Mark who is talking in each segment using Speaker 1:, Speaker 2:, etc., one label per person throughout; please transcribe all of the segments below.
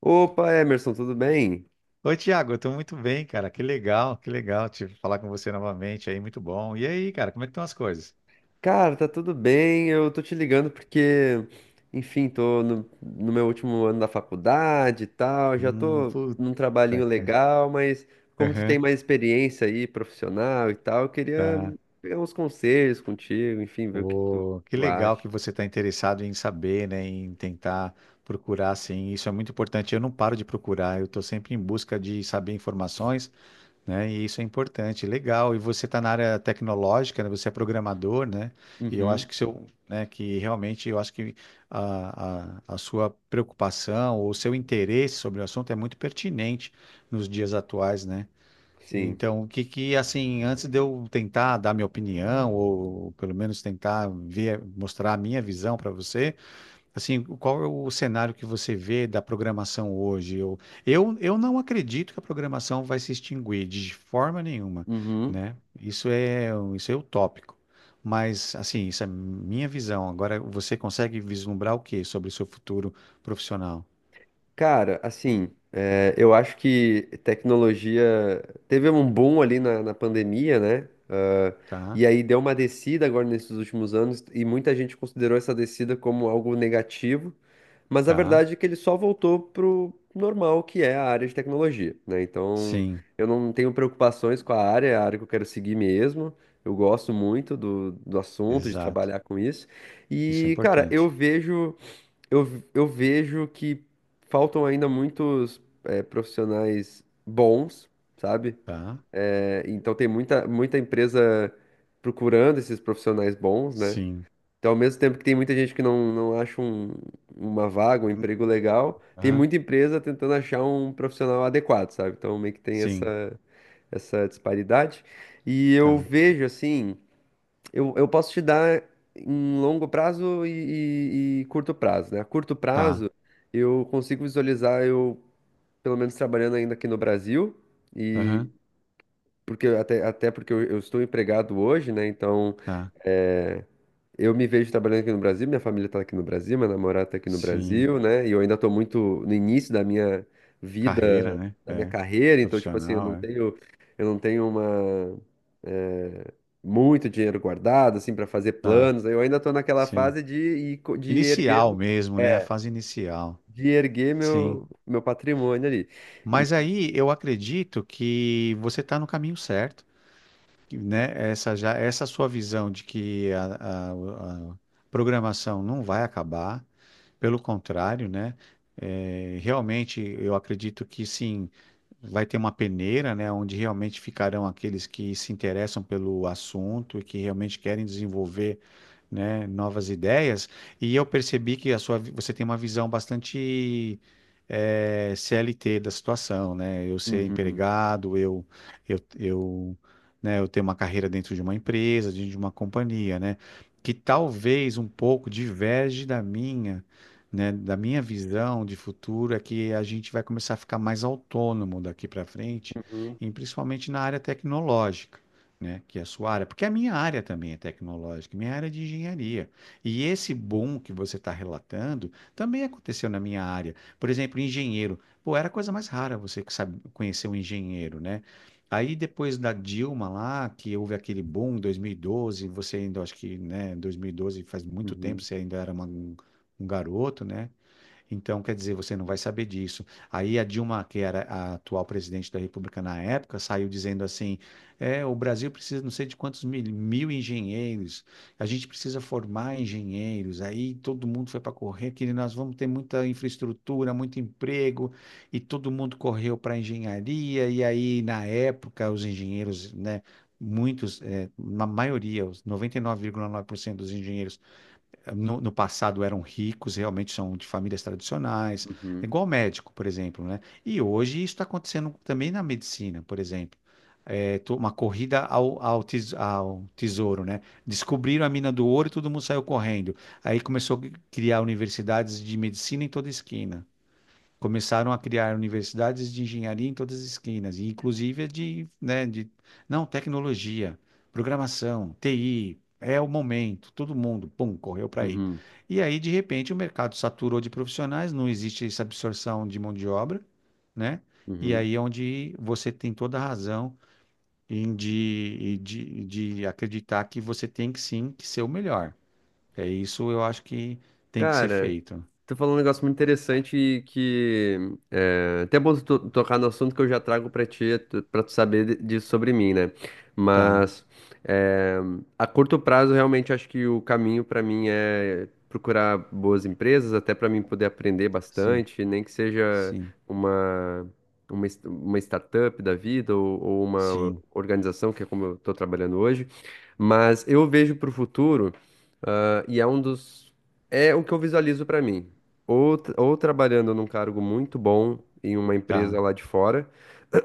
Speaker 1: Opa, Emerson, tudo bem?
Speaker 2: Oi, Tiago, eu tô muito bem, cara. Que legal te falar com você novamente aí, muito bom. E aí, cara, como é que estão as coisas?
Speaker 1: Cara, tá tudo bem. Eu tô te ligando porque, enfim, tô no meu último ano da faculdade e tal. Já tô num
Speaker 2: Puta,
Speaker 1: trabalhinho
Speaker 2: cara.
Speaker 1: legal, mas como tu tem
Speaker 2: Aham,
Speaker 1: mais experiência aí, profissional e tal, eu queria
Speaker 2: tá.
Speaker 1: pegar uns conselhos contigo, enfim, ver o que que tu,
Speaker 2: Ô, que
Speaker 1: tu
Speaker 2: legal
Speaker 1: acha.
Speaker 2: que você está interessado em saber, né, em tentar procurar, assim, isso é muito importante. Eu não paro de procurar, eu estou sempre em busca de saber informações, né? E isso é importante, legal. E você está na área tecnológica, né? Você é programador, né? E eu acho
Speaker 1: Uhum,
Speaker 2: que seu, né? Que realmente eu acho que a sua preocupação ou o seu interesse sobre o assunto é muito pertinente nos dias atuais, né?
Speaker 1: sim.
Speaker 2: Então, o que que assim, antes de eu tentar dar minha opinião ou pelo menos tentar ver, mostrar a minha visão para você, assim, qual é o cenário que você vê da programação hoje? Eu não acredito que a programação vai se extinguir de forma nenhuma,
Speaker 1: Uhum.
Speaker 2: né? Isso é utópico. Mas, assim, isso é minha visão. Agora, você consegue vislumbrar o que sobre o seu futuro profissional?
Speaker 1: Cara, assim, eu acho que tecnologia teve um boom ali na pandemia, né? Ah,
Speaker 2: Tá?
Speaker 1: e aí deu uma descida agora nesses últimos anos, e muita gente considerou essa descida como algo negativo, mas a
Speaker 2: Tá?
Speaker 1: verdade é que ele só voltou pro normal, que é a área de tecnologia, né? Então,
Speaker 2: Sim,
Speaker 1: eu não tenho preocupações com a área, é a área que eu quero seguir mesmo. Eu gosto muito do assunto, de
Speaker 2: exato.
Speaker 1: trabalhar com isso.
Speaker 2: Isso é
Speaker 1: E, cara,
Speaker 2: importante.
Speaker 1: eu, eu vejo que faltam ainda muitos profissionais bons, sabe?
Speaker 2: Tá?
Speaker 1: É, então tem muita, muita empresa procurando esses profissionais bons, né?
Speaker 2: Sim.
Speaker 1: Então, ao mesmo tempo que tem muita gente que não acha uma vaga, um
Speaker 2: Hum,
Speaker 1: emprego legal, tem
Speaker 2: aham.
Speaker 1: muita empresa tentando achar um profissional adequado, sabe? Então, meio que tem
Speaker 2: Sim.
Speaker 1: essa disparidade. E eu
Speaker 2: Tá.
Speaker 1: vejo, assim. Eu posso te dar em longo prazo e curto prazo, né? A curto
Speaker 2: Tá.
Speaker 1: prazo, eu consigo visualizar eu, pelo menos, trabalhando ainda aqui no Brasil, e
Speaker 2: Aham.
Speaker 1: porque até porque eu estou empregado hoje, né? Então.
Speaker 2: Tá.
Speaker 1: eh, eu me vejo trabalhando aqui no Brasil, minha família está aqui no Brasil, minha namorada está aqui no
Speaker 2: Sim.
Speaker 1: Brasil, né? E eu ainda estou muito no início da minha
Speaker 2: Carreira,
Speaker 1: vida,
Speaker 2: né?
Speaker 1: da minha
Speaker 2: É.
Speaker 1: carreira, então, tipo assim, eu
Speaker 2: Profissional,
Speaker 1: não
Speaker 2: é.
Speaker 1: tenho, eu não tenho eh, muito dinheiro guardado, assim, para fazer
Speaker 2: Tá,
Speaker 1: planos. Eu ainda estou naquela
Speaker 2: sim.
Speaker 1: fase de ir
Speaker 2: Inicial
Speaker 1: erguendo,
Speaker 2: mesmo, né? A
Speaker 1: é,
Speaker 2: fase inicial.
Speaker 1: de erguer
Speaker 2: Sim.
Speaker 1: meu patrimônio ali.
Speaker 2: Mas
Speaker 1: E-
Speaker 2: aí eu acredito que você está no caminho certo, que, né? Essa já, essa sua visão de que a- a programação não vai acabar, pelo contrário, né? É, realmente eu acredito que sim. Vai ter uma peneira, né, onde realmente ficarão aqueles que se interessam pelo assunto e que realmente querem desenvolver, né, novas ideias. E eu percebi que a sua, vi- você tem uma visão bastante CLT da situação, né? Eu ser
Speaker 1: Uhum,
Speaker 2: empregado, eu, eu, né, eu ter uma carreira dentro de uma empresa, dentro de uma companhia, né? Que talvez um pouco diverge da minha, né, da minha visão de futuro é que a gente vai começar a ficar mais autônomo daqui para frente,
Speaker 1: uhum,
Speaker 2: e principalmente na área tecnológica, né, que é a sua área, porque a minha área também é tecnológica, minha área é de engenharia. E esse boom que você está relatando também aconteceu na minha área. Por exemplo, engenheiro. Pô, era a coisa mais rara você que sabe conhecer um engenheiro, né? Aí depois da Dilma lá, que houve aquele boom em 2012, você ainda, acho que, né, 2012 faz muito tempo,
Speaker 1: uhum,
Speaker 2: você ainda era uma um garoto, né? Então, quer dizer, você não vai saber disso. Aí a Dilma, que era a atual presidente da República na época, saiu dizendo assim: é, o Brasil precisa não sei de quantos mil, mil engenheiros, a gente precisa formar engenheiros. Aí todo mundo foi para correr, que nós vamos ter muita infraestrutura, muito emprego, e todo mundo correu para a engenharia. E aí, na época, os engenheiros, né? Muitos, é, na maioria, os 99,9% dos engenheiros no passado eram ricos, realmente são de famílias tradicionais, é
Speaker 1: uhum,
Speaker 2: igual médico, por exemplo, né? E hoje isso está acontecendo também na medicina, por exemplo. É to- uma corrida ao tesouro, né? Descobriram a mina do ouro e todo mundo saiu correndo. Aí começou a criar universidades de medicina em toda esquina. Começaram a criar universidades de engenharia em todas as esquinas, e inclusive de, né, de, não, tecnologia, programação, TI, é o momento, todo mundo, pum, correu para aí.
Speaker 1: uhum,
Speaker 2: E aí, de repente, o mercado saturou de profissionais, não existe essa absorção de mão de obra, né? E
Speaker 1: uhum.
Speaker 2: aí é onde você tem toda a razão em de acreditar que você tem que sim que ser o melhor. É isso eu acho que tem que ser
Speaker 1: Cara,
Speaker 2: feito.
Speaker 1: tu falou um negócio muito interessante e que até é bom tu tocar no assunto que eu já trago pra ti, pra tu saber disso sobre mim, né?
Speaker 2: Tá,
Speaker 1: Mas é, a curto prazo, realmente acho que o caminho pra mim é procurar boas empresas, até pra mim poder aprender
Speaker 2: sim,
Speaker 1: bastante, nem que seja
Speaker 2: sim,
Speaker 1: uma uma startup da vida ou uma
Speaker 2: sim.
Speaker 1: organização, que é como eu tô trabalhando hoje. Mas eu vejo pro futuro. Ah, e é um dos. É o que eu visualizo pra mim. Ou trabalhando num cargo muito bom em uma empresa
Speaker 2: Tá,
Speaker 1: lá de fora.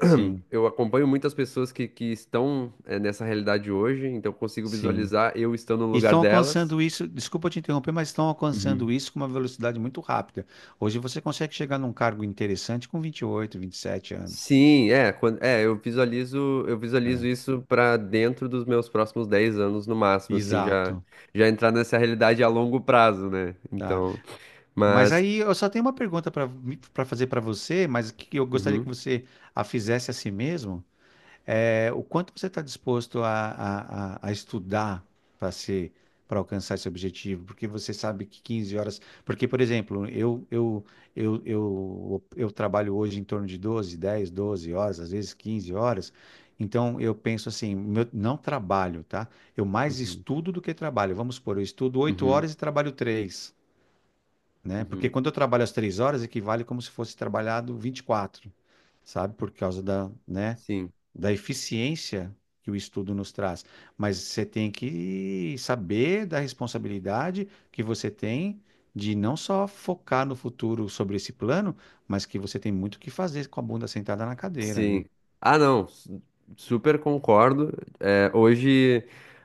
Speaker 2: sim,
Speaker 1: Eu acompanho muitas pessoas que estão nessa realidade hoje, então eu consigo
Speaker 2: sim.
Speaker 1: visualizar eu estando no
Speaker 2: E
Speaker 1: lugar
Speaker 2: estão
Speaker 1: delas.
Speaker 2: alcançando isso, desculpa te interromper, mas estão
Speaker 1: Uhum.
Speaker 2: alcançando isso com uma velocidade muito rápida. Hoje você consegue chegar num cargo interessante com 20, 28, 27 anos,
Speaker 1: Sim, quando, eu visualizo
Speaker 2: né?
Speaker 1: isso pra dentro dos meus próximos 10 anos no máximo, assim, já
Speaker 2: Exato,
Speaker 1: já entrar nessa realidade a longo prazo, né?
Speaker 2: tá.
Speaker 1: Então,
Speaker 2: Mas
Speaker 1: mas
Speaker 2: aí eu só tenho uma pergunta para fazer para você, mas que eu gostaria que
Speaker 1: uhum,
Speaker 2: você a fizesse a si mesmo. É, o quanto você está disposto a estudar para ser, para alcançar esse objetivo? Porque você sabe que 15 horas. Porque, por exemplo, eu trabalho hoje em torno de 12, 10, 12 horas, às vezes 15 horas. Então, eu penso assim, meu- não trabalho, tá? Eu mais
Speaker 1: uhum,
Speaker 2: estudo do que trabalho. Vamos supor, eu estudo oito
Speaker 1: uhum,
Speaker 2: horas e trabalho três, né? Porque
Speaker 1: uhum,
Speaker 2: quando eu trabalho as 3 horas, equivale como se fosse trabalhado 24, sabe? Por causa da, né?
Speaker 1: sim.
Speaker 2: Da eficiência que o estudo nos traz, mas você tem que saber da responsabilidade que você tem de não só focar no futuro sobre esse plano, mas que você tem muito o que fazer com a bunda sentada na cadeira, né?
Speaker 1: Sim. Ah, não. Super concordo. É, hoje,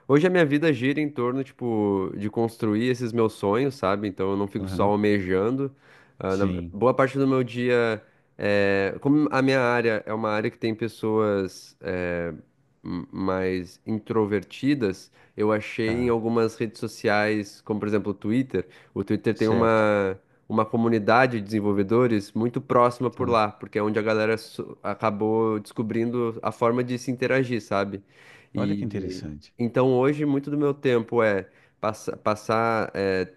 Speaker 1: hoje a minha vida gira em torno, tipo, de construir esses meus sonhos, sabe? Então eu não fico só
Speaker 2: Aham.
Speaker 1: almejando. Ah,
Speaker 2: Sim,
Speaker 1: boa parte do meu dia, como a minha área é uma área que tem pessoas, mais introvertidas, eu achei em
Speaker 2: tá,
Speaker 1: algumas redes sociais, como por exemplo o Twitter. O Twitter tem
Speaker 2: certo,
Speaker 1: uma comunidade de desenvolvedores muito próxima por
Speaker 2: tá.
Speaker 1: lá, porque é onde a galera acabou descobrindo a forma de se interagir, sabe?
Speaker 2: Olha que
Speaker 1: E
Speaker 2: interessante.
Speaker 1: então hoje muito do meu tempo é passar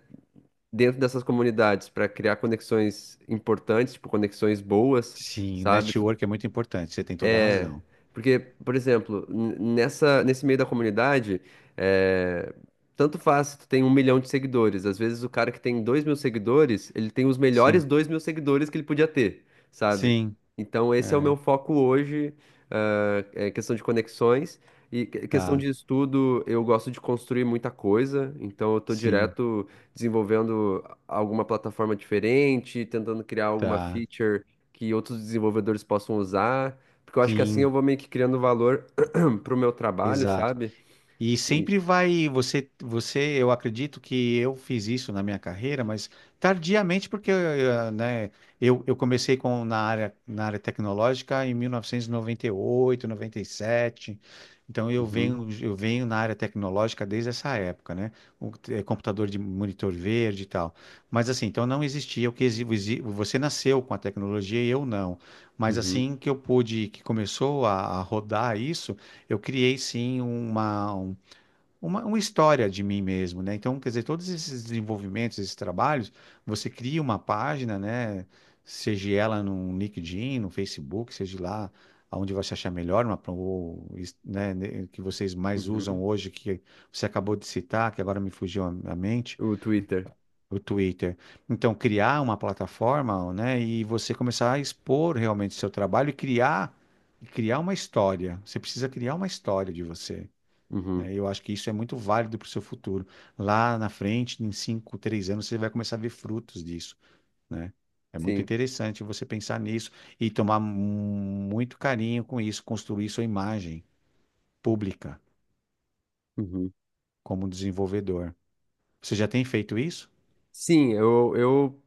Speaker 1: dentro dessas comunidades para criar conexões importantes, tipo conexões boas,
Speaker 2: Sim, o
Speaker 1: sabe?
Speaker 2: network é muito importante, você tem toda a
Speaker 1: É,
Speaker 2: razão.
Speaker 1: porque, por exemplo, nesse meio da comunidade, é, tanto faz se tu tem 1 milhão de seguidores. Às vezes o cara que tem 2 mil seguidores, ele tem os melhores
Speaker 2: Sim,
Speaker 1: 2 mil seguidores que ele podia ter, sabe?
Speaker 2: sim,
Speaker 1: Então esse é o meu
Speaker 2: é,
Speaker 1: foco hoje, ah, é questão de conexões. E questão
Speaker 2: tá,
Speaker 1: de estudo, eu gosto de construir muita coisa, então eu tô
Speaker 2: sim,
Speaker 1: direto desenvolvendo alguma plataforma diferente, tentando criar alguma
Speaker 2: tá,
Speaker 1: feature que outros desenvolvedores possam usar. Porque eu acho que assim eu
Speaker 2: sim,
Speaker 1: vou meio que criando valor pro meu trabalho,
Speaker 2: exato.
Speaker 1: sabe?
Speaker 2: E
Speaker 1: E...
Speaker 2: sempre vai, você, você, eu acredito que eu fiz isso na minha carreira, mas tardiamente, porque né, eu comecei com, na área tecnológica em 1998, 97, então
Speaker 1: Uhum,
Speaker 2: eu venho na área tecnológica desde essa época, né? O, eh, computador de monitor verde e tal. Mas assim, então não existia o que exi- exi- você nasceu com a tecnologia e eu não. Mas
Speaker 1: uhum,
Speaker 2: assim que eu pude, que começou a rodar isso, eu criei sim uma história de mim mesmo, né? Então, quer dizer, todos esses desenvolvimentos, esses trabalhos, você cria uma página, né? Seja ela no LinkedIn, no Facebook, seja lá aonde você achar melhor, uma, ou, is- né, que vocês mais usam
Speaker 1: uhum.
Speaker 2: hoje, que você acabou de citar, que agora me fugiu a mente,
Speaker 1: O Twitter.
Speaker 2: o Twitter. Então, criar uma plataforma, né? E você começar a expor realmente seu trabalho e criar uma história. Você precisa criar uma história de você,
Speaker 1: Uhum,
Speaker 2: né? Eu acho que isso é muito válido para o seu futuro. Lá na frente, em 5, 3 anos, você vai começar a ver frutos disso, né? É muito
Speaker 1: sim.
Speaker 2: interessante você pensar nisso e tomar mu- muito carinho com isso, construir sua imagem pública
Speaker 1: Uhum.
Speaker 2: como desenvolvedor. Você já tem feito isso?
Speaker 1: Sim. eu, eu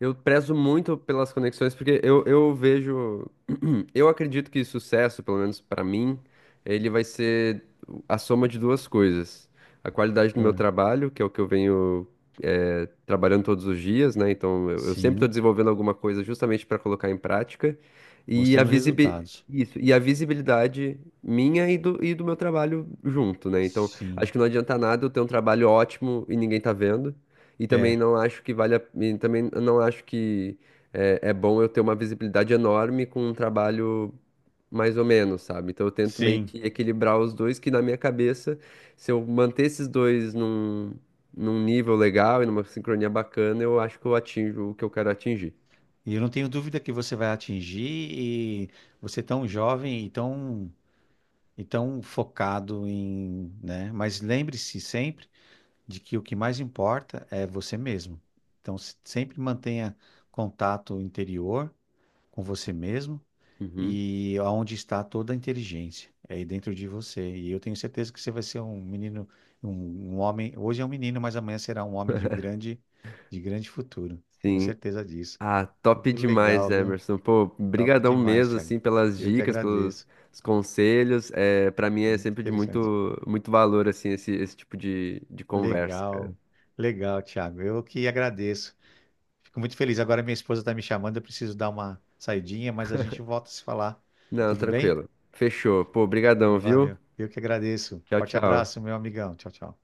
Speaker 1: Eu prezo muito pelas conexões, porque eu vejo. Eu acredito que sucesso, pelo menos para mim, ele vai ser a soma de duas coisas. A qualidade do meu
Speaker 2: É.
Speaker 1: trabalho, que é o que eu venho trabalhando todos os dias, né? Então eu sempre estou
Speaker 2: Sim,
Speaker 1: desenvolvendo alguma coisa justamente para colocar em prática. E
Speaker 2: mostrando resultados.
Speaker 1: Isso, e a visibilidade minha e do meu trabalho junto, né? Então, acho
Speaker 2: Sim,
Speaker 1: que não adianta nada eu ter um trabalho ótimo e ninguém tá vendo. E também
Speaker 2: é,
Speaker 1: não acho que vale a, e também não acho que é bom eu ter uma visibilidade enorme com um trabalho mais ou menos, sabe? Então eu tento meio
Speaker 2: sim.
Speaker 1: que equilibrar os dois, que na minha cabeça, se eu manter esses dois num nível legal e numa sincronia bacana, eu acho que eu atinjo o que eu quero atingir.
Speaker 2: E eu não tenho dúvida que você vai atingir e você é tão jovem e tão, então, focado em, né? Mas lembre-se sempre de que o que mais importa é você mesmo. Então, se- sempre mantenha contato interior com você mesmo
Speaker 1: Uhum.
Speaker 2: e aonde está toda a inteligência, é aí dentro de você. E eu tenho certeza que você vai ser um menino, um, um homem. Hoje é um menino, mas amanhã será um homem de grande futuro. Tenho
Speaker 1: Sim.
Speaker 2: certeza disso.
Speaker 1: Ah, top
Speaker 2: Muito
Speaker 1: demais,
Speaker 2: legal, viu?
Speaker 1: Emerson. Pô,
Speaker 2: Top
Speaker 1: brigadão
Speaker 2: demais,
Speaker 1: mesmo,
Speaker 2: Thiago.
Speaker 1: assim, pelas
Speaker 2: Eu que
Speaker 1: dicas, pelos
Speaker 2: agradeço.
Speaker 1: os conselhos. É, para mim é
Speaker 2: Muito
Speaker 1: sempre de
Speaker 2: interessante.
Speaker 1: muito, muito valor, assim, esse tipo de conversa, cara.
Speaker 2: Legal, legal, Thiago. Eu que agradeço. Fico muito feliz. Agora minha esposa está me chamando, eu preciso dar uma saidinha, mas a gente volta a se falar.
Speaker 1: Não,
Speaker 2: Tudo bem?
Speaker 1: tranquilo. Fechou. Pô, brigadão, viu?
Speaker 2: Valeu. Eu que agradeço.
Speaker 1: Tchau,
Speaker 2: Forte
Speaker 1: tchau.
Speaker 2: abraço, meu amigão. Tchau, tchau.